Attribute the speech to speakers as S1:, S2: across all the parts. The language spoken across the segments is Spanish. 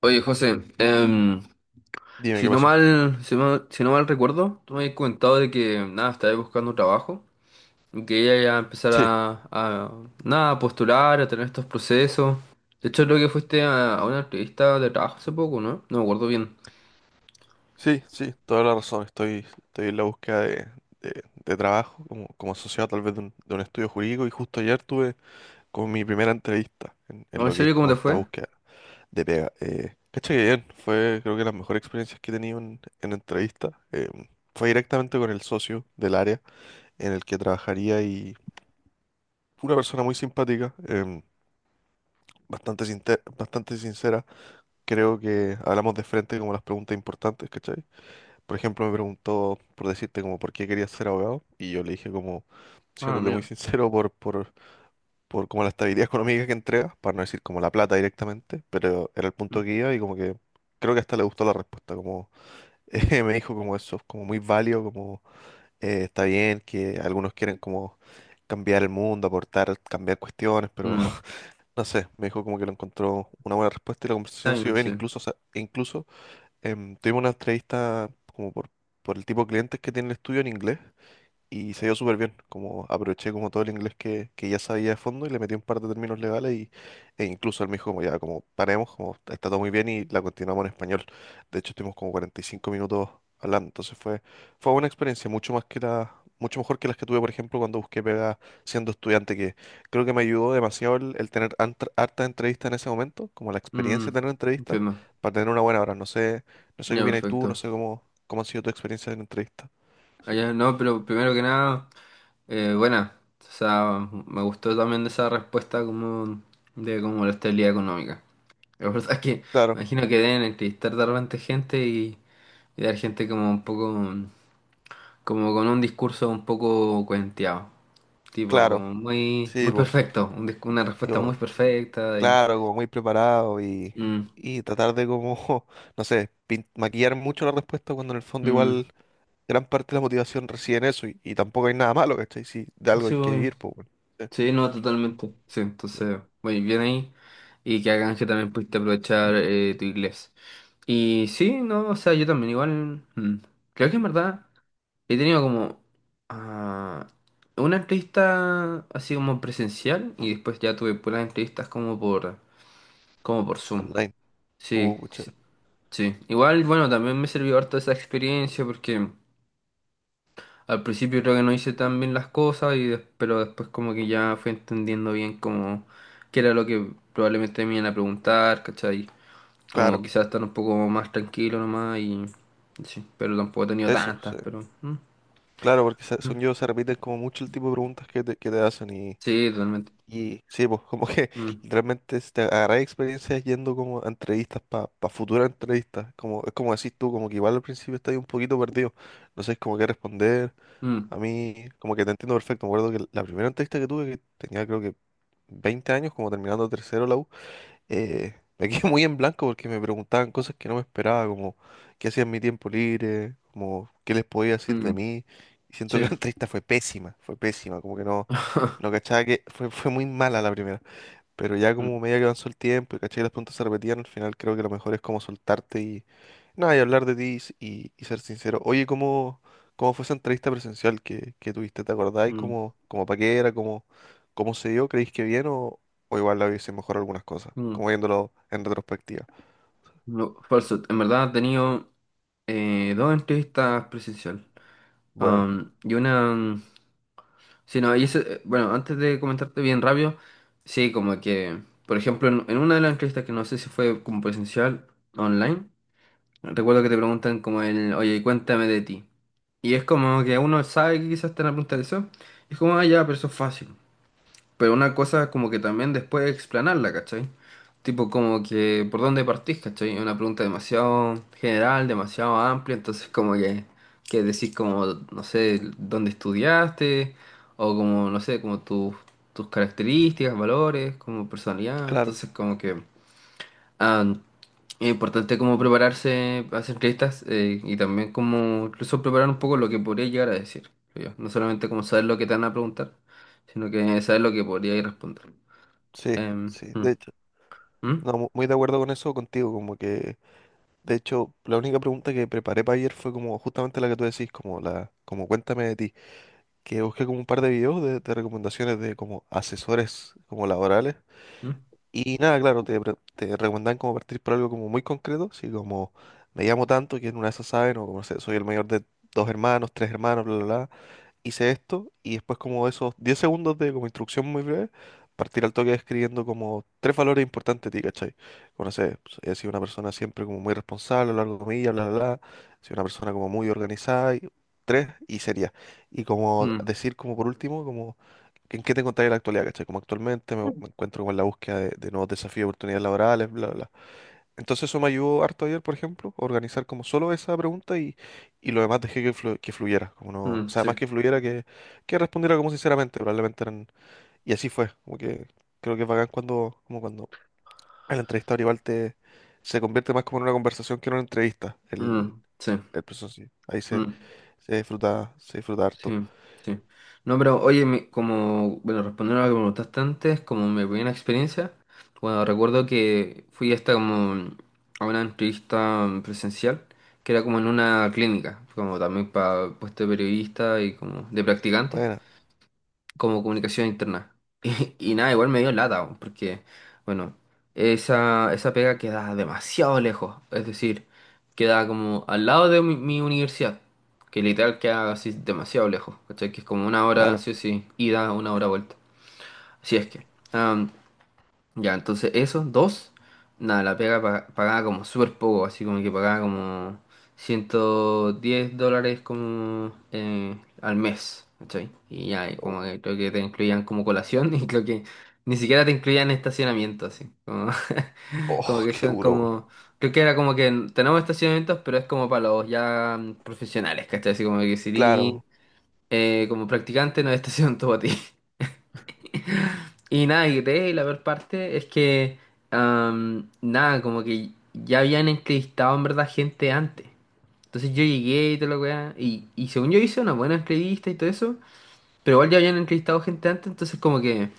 S1: Oye, José,
S2: Dime qué pasó.
S1: si no mal recuerdo, tú me habías comentado de que nada, estabas buscando trabajo y que ella ya empezar
S2: Sí,
S1: a, nada, a postular, a tener estos procesos. De hecho, creo que fuiste a una entrevista de trabajo hace poco, ¿no? No me acuerdo bien.
S2: sí, sí, toda la razón. Estoy en la búsqueda de trabajo como asociado tal vez de un estudio jurídico y justo ayer tuve como mi primera entrevista en
S1: No, ¿en
S2: lo que es
S1: serio, cómo
S2: como
S1: te
S2: esta
S1: fue?
S2: búsqueda de pega. Cacha que bien, fue creo que las mejores experiencias que he tenido en entrevista. Fue directamente con el socio del área en el que trabajaría y una persona muy simpática, bastante sincera. Creo que hablamos de frente como las preguntas importantes, ¿cachai? Por ejemplo, me preguntó por decirte como por qué querías ser abogado y yo le dije como,
S1: Ah,
S2: siéndote muy
S1: mira.
S2: sincero, por como la estabilidad económica que entrega, para no decir como la plata directamente, pero era el punto
S1: Mm,
S2: que iba y como que creo que hasta le gustó la respuesta, como me dijo como eso, como muy válido, como está bien que algunos quieren como cambiar el mundo, aportar, cambiar cuestiones, pero
S1: mm,
S2: no sé, me dijo como que lo encontró una buena respuesta y la
S1: está
S2: conversación siguió
S1: bien,
S2: bien,
S1: sí.
S2: incluso, o sea, incluso tuvimos una entrevista como por el tipo de clientes que tiene el estudio en inglés y se dio súper bien. Como aproveché como todo el inglés que ya sabía de fondo y le metí un par de términos legales e incluso él me dijo como ya, como paremos, como está todo muy bien y la continuamos en español. De hecho, estuvimos como 45 minutos hablando. Entonces fue una experiencia mucho mejor que las que tuve, por ejemplo, cuando busqué pega siendo estudiante, que creo que me ayudó demasiado el tener hartas entrevistas en ese momento, como la experiencia de
S1: Mm,
S2: tener entrevistas
S1: entiendo.
S2: para tener una buena hora. No sé qué
S1: Ya,
S2: opinas tú, no
S1: perfecto.
S2: sé cómo ha sido tu experiencia en entrevista.
S1: Allá, no, pero primero que nada, buena. O sea, me gustó también de esa respuesta como de como la estabilidad económica. La verdad es que
S2: Claro,
S1: imagino que deben entrevistar de repente gente y dar gente como un poco, como con un discurso un poco cuenteado, tipo,
S2: claro.
S1: como muy,
S2: Sí,
S1: muy
S2: pues,
S1: perfecto, una respuesta muy
S2: digo,
S1: perfecta y.
S2: claro, como muy preparado y,
S1: Mm,
S2: y tratar de como, no sé, maquillar mucho la respuesta cuando en el fondo
S1: mm,
S2: igual gran parte de la motivación reside en eso y tampoco hay nada malo, ¿cachai? Si de algo
S1: sí,
S2: hay que
S1: obvio.
S2: vivir, pues, bueno, sí,
S1: Sí, no, totalmente. Sí, entonces, muy bien ahí. Y que hagan que también pudiste aprovechar tu inglés. Y sí, no, o sea, yo también igual, creo que en verdad. He tenido como ah, una entrevista así como presencial y después ya tuve puras entrevistas como por Zoom.
S2: online.
S1: Sí,
S2: Pucha,
S1: sí, sí. Igual, bueno, también me sirvió harto esa experiencia porque al principio creo que no hice tan bien las cosas, pero después como que ya fui entendiendo bien como qué era lo que probablemente me iban a preguntar, ¿cachai? Como
S2: claro,
S1: quizás estar un poco más tranquilo nomás y sí, pero tampoco he tenido
S2: eso,
S1: tantas,
S2: sí.
S1: pero mm,
S2: Claro, porque
S1: mm.
S2: según yo se repiten como mucho el tipo de preguntas que te hacen y
S1: Sí, totalmente.
S2: Y sí, pues como que
S1: Mm,
S2: realmente si te agarráis experiencias yendo como a entrevistas para futuras entrevistas. Como, es como decís tú, como que igual al principio estás un poquito perdido. No sabes como qué responder.
S1: mm.
S2: A mí, como que te entiendo perfecto. Me acuerdo que la primera entrevista que tuve, que tenía creo que 20 años, como terminando tercero la U, me quedé muy en blanco porque me preguntaban cosas que no me esperaba, como qué hacía en mi tiempo libre, como qué les podía decir de
S1: Mm,
S2: mí. Y siento que
S1: sí.
S2: la entrevista fue pésima, como que no, no cachaba que fue muy mala la primera. Pero ya
S1: Mm,
S2: como medida que avanzó el tiempo y caché que las preguntas se repetían, al final creo que lo mejor es como soltarte y nada, y hablar de ti y ser sincero. Oye, ¿cómo fue esa entrevista presencial que tuviste? ¿Te acordás? ¿Y
S1: mm,
S2: cómo pa' qué era? ¿Cómo se dio? ¿Creéis que bien o igual la hubiese mejor algunas cosas?
S1: mm.
S2: Como viéndolo en retrospectiva.
S1: No, falso. En verdad he tenido dos entrevistas presencial.
S2: Bueno,
S1: Y una. Sí, no, y ese, bueno, antes de comentarte bien rápido, sí, como que, por ejemplo, en una de las entrevistas que no sé si fue como presencial online, recuerdo que te preguntan como el, oye, cuéntame de ti. Y es como que uno sabe que quizás te van a preguntar eso. Y es como, ya, pero eso es fácil. Pero una cosa como que también después explanarla, ¿cachai? Tipo como que por dónde partís, ¿cachai? Es una pregunta demasiado general, demasiado amplia, entonces como que decís como, no sé, dónde estudiaste, o como, no sé, como tus características, valores, como personalidad,
S2: claro,
S1: entonces como que ah, es importante como prepararse a hacer entrevistas y también como incluso preparar un poco lo que podría llegar a decir, creo yo. No solamente como saber lo que te van a preguntar, sino que saber lo que podría ir a responder.
S2: sí,
S1: Em,
S2: sí,
S1: mm,
S2: de hecho.
S1: mm,
S2: No, muy de acuerdo con eso contigo, como que, de hecho, la única pregunta que preparé para ayer fue como justamente la que tú decís, como como cuéntame de ti. Que busqué como un par de videos de recomendaciones de como asesores como laborales.
S1: mm,
S2: Y nada, claro, te recomendan como partir por algo como muy concreto, así como me llamo tanto, que en una de esas saben, o como no sé, soy el mayor de dos hermanos, tres hermanos, bla, bla, bla hice esto y después como esos 10 segundos de como instrucción muy breve, partir al toque escribiendo como tres valores importantes de ti, ¿cachai? Como no sé, pues, he sido una persona siempre como muy responsable a lo largo de mi vida, bla, bla, bla, he sido una persona como muy organizada, y, tres y seria. Y como
S1: mm,
S2: decir como por último, como que en qué te encontrás en la actualidad, ¿cachai? Como actualmente me encuentro como en la búsqueda de nuevos desafíos, y oportunidades laborales, bla, bla. Entonces eso me ayudó harto ayer, por ejemplo, a organizar como solo esa pregunta y lo demás dejé que fluyera, como no, o
S1: mm,
S2: sea, más
S1: sí,
S2: que fluyera que respondiera como sinceramente, probablemente eran, y así fue, como que creo que es bacán cuando, como cuando el entrevistador igual se convierte más como en una conversación que en una entrevista, el,
S1: mm, sí,
S2: el proceso en sí, ahí se,
S1: mm,
S2: se disfruta, se disfruta
S1: sí,
S2: harto.
S1: sí. No, pero oye, como, bueno, respondiendo a lo que me preguntaste antes, como mi primera experiencia, bueno, recuerdo que fui hasta como a una entrevista presencial, que era como en una clínica, como también para puesto de periodista y como de practicante.
S2: Bueno,
S1: Como comunicación interna. Y nada, igual me dio lata, weón, porque, bueno, esa pega queda demasiado lejos, es decir, queda como al lado de mi universidad, que literal queda así demasiado lejos, ¿cachai? Que es como una hora,
S2: claro,
S1: sí o sí, ida, una hora vuelta. Así es que, ya, entonces esos dos, nada, la pega pagaba como súper poco, así como que pagaba como $110 como al mes, ¿cachai? Y ya, y
S2: oh,
S1: como que creo que te incluían como colación y creo que ni siquiera te incluían estacionamiento, así, como, como
S2: oh,
S1: que
S2: qué
S1: sean
S2: duro, weón.
S1: como, creo que era como que tenemos estacionamientos, pero es como para los ya profesionales, ¿cachai? Así como que si
S2: Claro,
S1: eres,
S2: weón.
S1: como practicante no hay estacionamiento para ti. Y nada, y la peor parte es que, nada, como que ya habían entrevistado en verdad gente antes. Entonces yo llegué y toda la weá, y según yo hice una buena entrevista y todo eso, pero igual ya habían entrevistado gente antes, entonces como que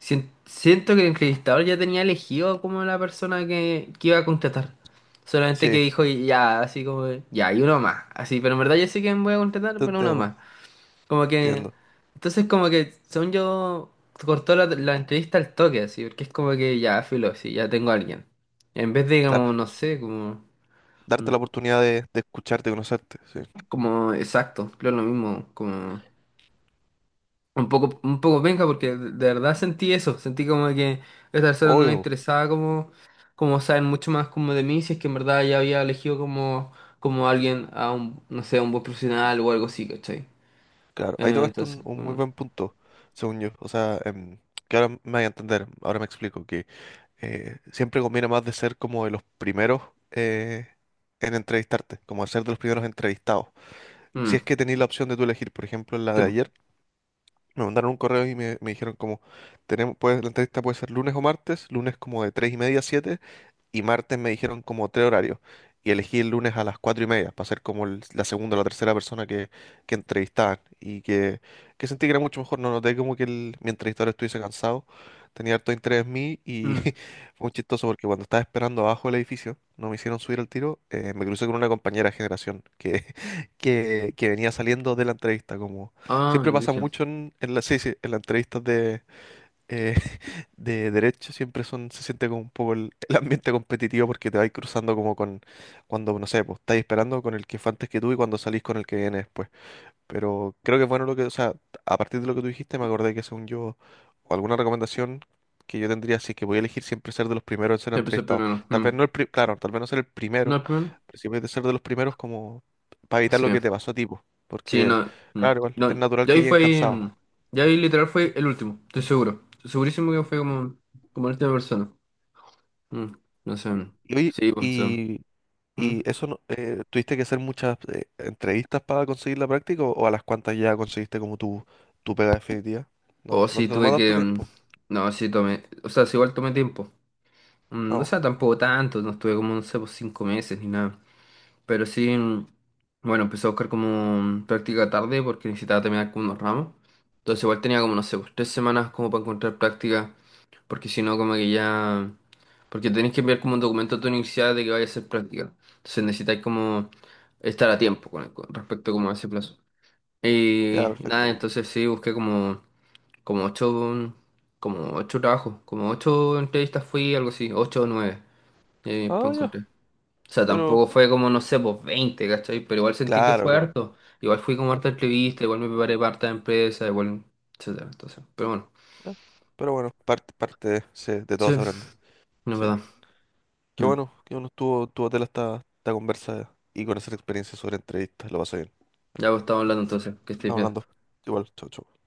S1: siento que el entrevistador ya tenía elegido como la persona que iba a contratar. Solamente que
S2: Sí,
S1: dijo, ya, así como, ya, y uno más, así, pero en verdad yo sé que me voy a contratar,
S2: te
S1: pero uno
S2: entiendo,
S1: más. Como que.
S2: entiendo,
S1: Entonces, como que, según yo, cortó la entrevista al toque, así, porque es como que ya, filo, sí, ya tengo a alguien. En vez de, como,
S2: claro,
S1: no sé, como.
S2: darte
S1: Mm.
S2: la oportunidad de escucharte, conocerte, sí,
S1: Como, exacto, creo lo mismo, como. Un poco penca, porque de verdad sentí eso, sentí como que a esta persona no le
S2: obvio.
S1: interesaba, como. Como saben mucho más como de mí, si es que en verdad ya había elegido como. Como alguien, a un, no sé, a un buen profesional o algo así, ¿cachai?
S2: Claro, ahí tocaste un,
S1: Entonces,
S2: un muy
S1: como.
S2: buen punto, según yo. O sea, que ahora me voy a entender, ahora me explico, que siempre conviene más de ser como de los primeros eh, en entrevistarte, como de ser de los primeros entrevistados. Si
S1: Mm,
S2: es que tenéis la opción de tú elegir, por ejemplo, en la
S1: sí,
S2: de
S1: po,
S2: ayer, me mandaron un correo y me dijeron como, tenemos, pues, la entrevista puede ser lunes o martes, lunes como de 3:30 a 7 y martes me dijeron como tres horarios. Y elegí el lunes a las 4:30 para ser como la segunda o la tercera persona que entrevistaban. Y que sentí que era mucho mejor. No noté como que mi entrevistador estuviese cansado. Tenía harto interés en mí y
S1: mm.
S2: fue muy chistoso porque cuando estaba esperando abajo del edificio, no me hicieron subir al tiro, me crucé con una compañera de generación que, que venía saliendo de la entrevista. Como
S1: Ah,
S2: siempre
S1: yo
S2: pasa
S1: dije.
S2: mucho en sí, sí, en las entrevistas eh, de derecho siempre son, se siente como un poco el ambiente competitivo porque te vais cruzando como con, cuando, no sé, pues estáis esperando con el que fue antes que tú y cuando salís con el que viene después. Pero creo que es bueno lo que, o sea, a partir de lo que tú dijiste me acordé que según yo, o alguna recomendación que yo tendría, si es que voy a elegir siempre ser de los primeros en ser
S1: Sí, empezó
S2: entrevistados.
S1: primero.
S2: Tal vez
S1: Mm.
S2: no claro, tal vez no ser el primero,
S1: No, primero.
S2: pero sí puedes ser de los primeros como para evitar
S1: Sí.
S2: lo que te pasó a ti, po.
S1: Sí,
S2: Porque,
S1: no. Mm.
S2: claro, igual, es
S1: No,
S2: natural
S1: ya
S2: que
S1: ahí
S2: lleguen
S1: fue.
S2: cansados.
S1: Ya ahí literal fue el último, estoy seguro. Estoy segurísimo que fue como, como la última persona. Mm, no sé. Mm.
S2: Y, oye,
S1: Sí, pues. O sea,
S2: y
S1: mm.
S2: ¿Y eso tuviste que hacer muchas entrevistas para conseguir la práctica o a las cuantas ya conseguiste como tu pega definitiva?
S1: O
S2: No, no
S1: sí,
S2: te toma
S1: tuve
S2: tanto
S1: que.
S2: tiempo.
S1: No, sí, tomé. O sea, sí, igual tomé tiempo.
S2: Ah,
S1: Mm, o sea,
S2: oh,
S1: tampoco tanto, no estuve como, no sé, pues 5 meses ni nada. Pero sí, bueno, empecé a buscar como práctica tarde porque necesitaba terminar con unos ramos. Entonces igual tenía como, no sé, pues 3 semanas como para encontrar práctica, porque si no como que ya. Porque tenés que enviar como un documento a tu universidad de que vaya a hacer práctica. Entonces necesitáis como estar a tiempo con respecto como a ese plazo.
S2: ya,
S1: Y nada,
S2: perfecto.
S1: entonces sí, busqué como ocho, como ocho trabajos, como ocho entrevistas fui, algo así, ocho o nueve.
S2: Ah,
S1: Pues
S2: ya,
S1: encontré. O sea,
S2: pero
S1: tampoco fue como, no sé, pues 20, ¿cachai? Pero igual sentí que
S2: claro,
S1: fue
S2: claro.
S1: harto. Igual fui como harta entrevista, igual me preparé para harta empresa, igual, etcétera. Entonces, pero bueno,
S2: eh, Pero bueno, parte de, sí, de
S1: sí,
S2: todo se aprende.
S1: no es
S2: Sí.
S1: verdad. Mm.
S2: Qué bueno estuvo tu tela esta, conversa y con esa experiencia sobre entrevistas. Lo pasé bien.
S1: Ya pues, estamos hablando entonces, que estés
S2: Estamos
S1: bien.
S2: hablando. Igual, chau, chau.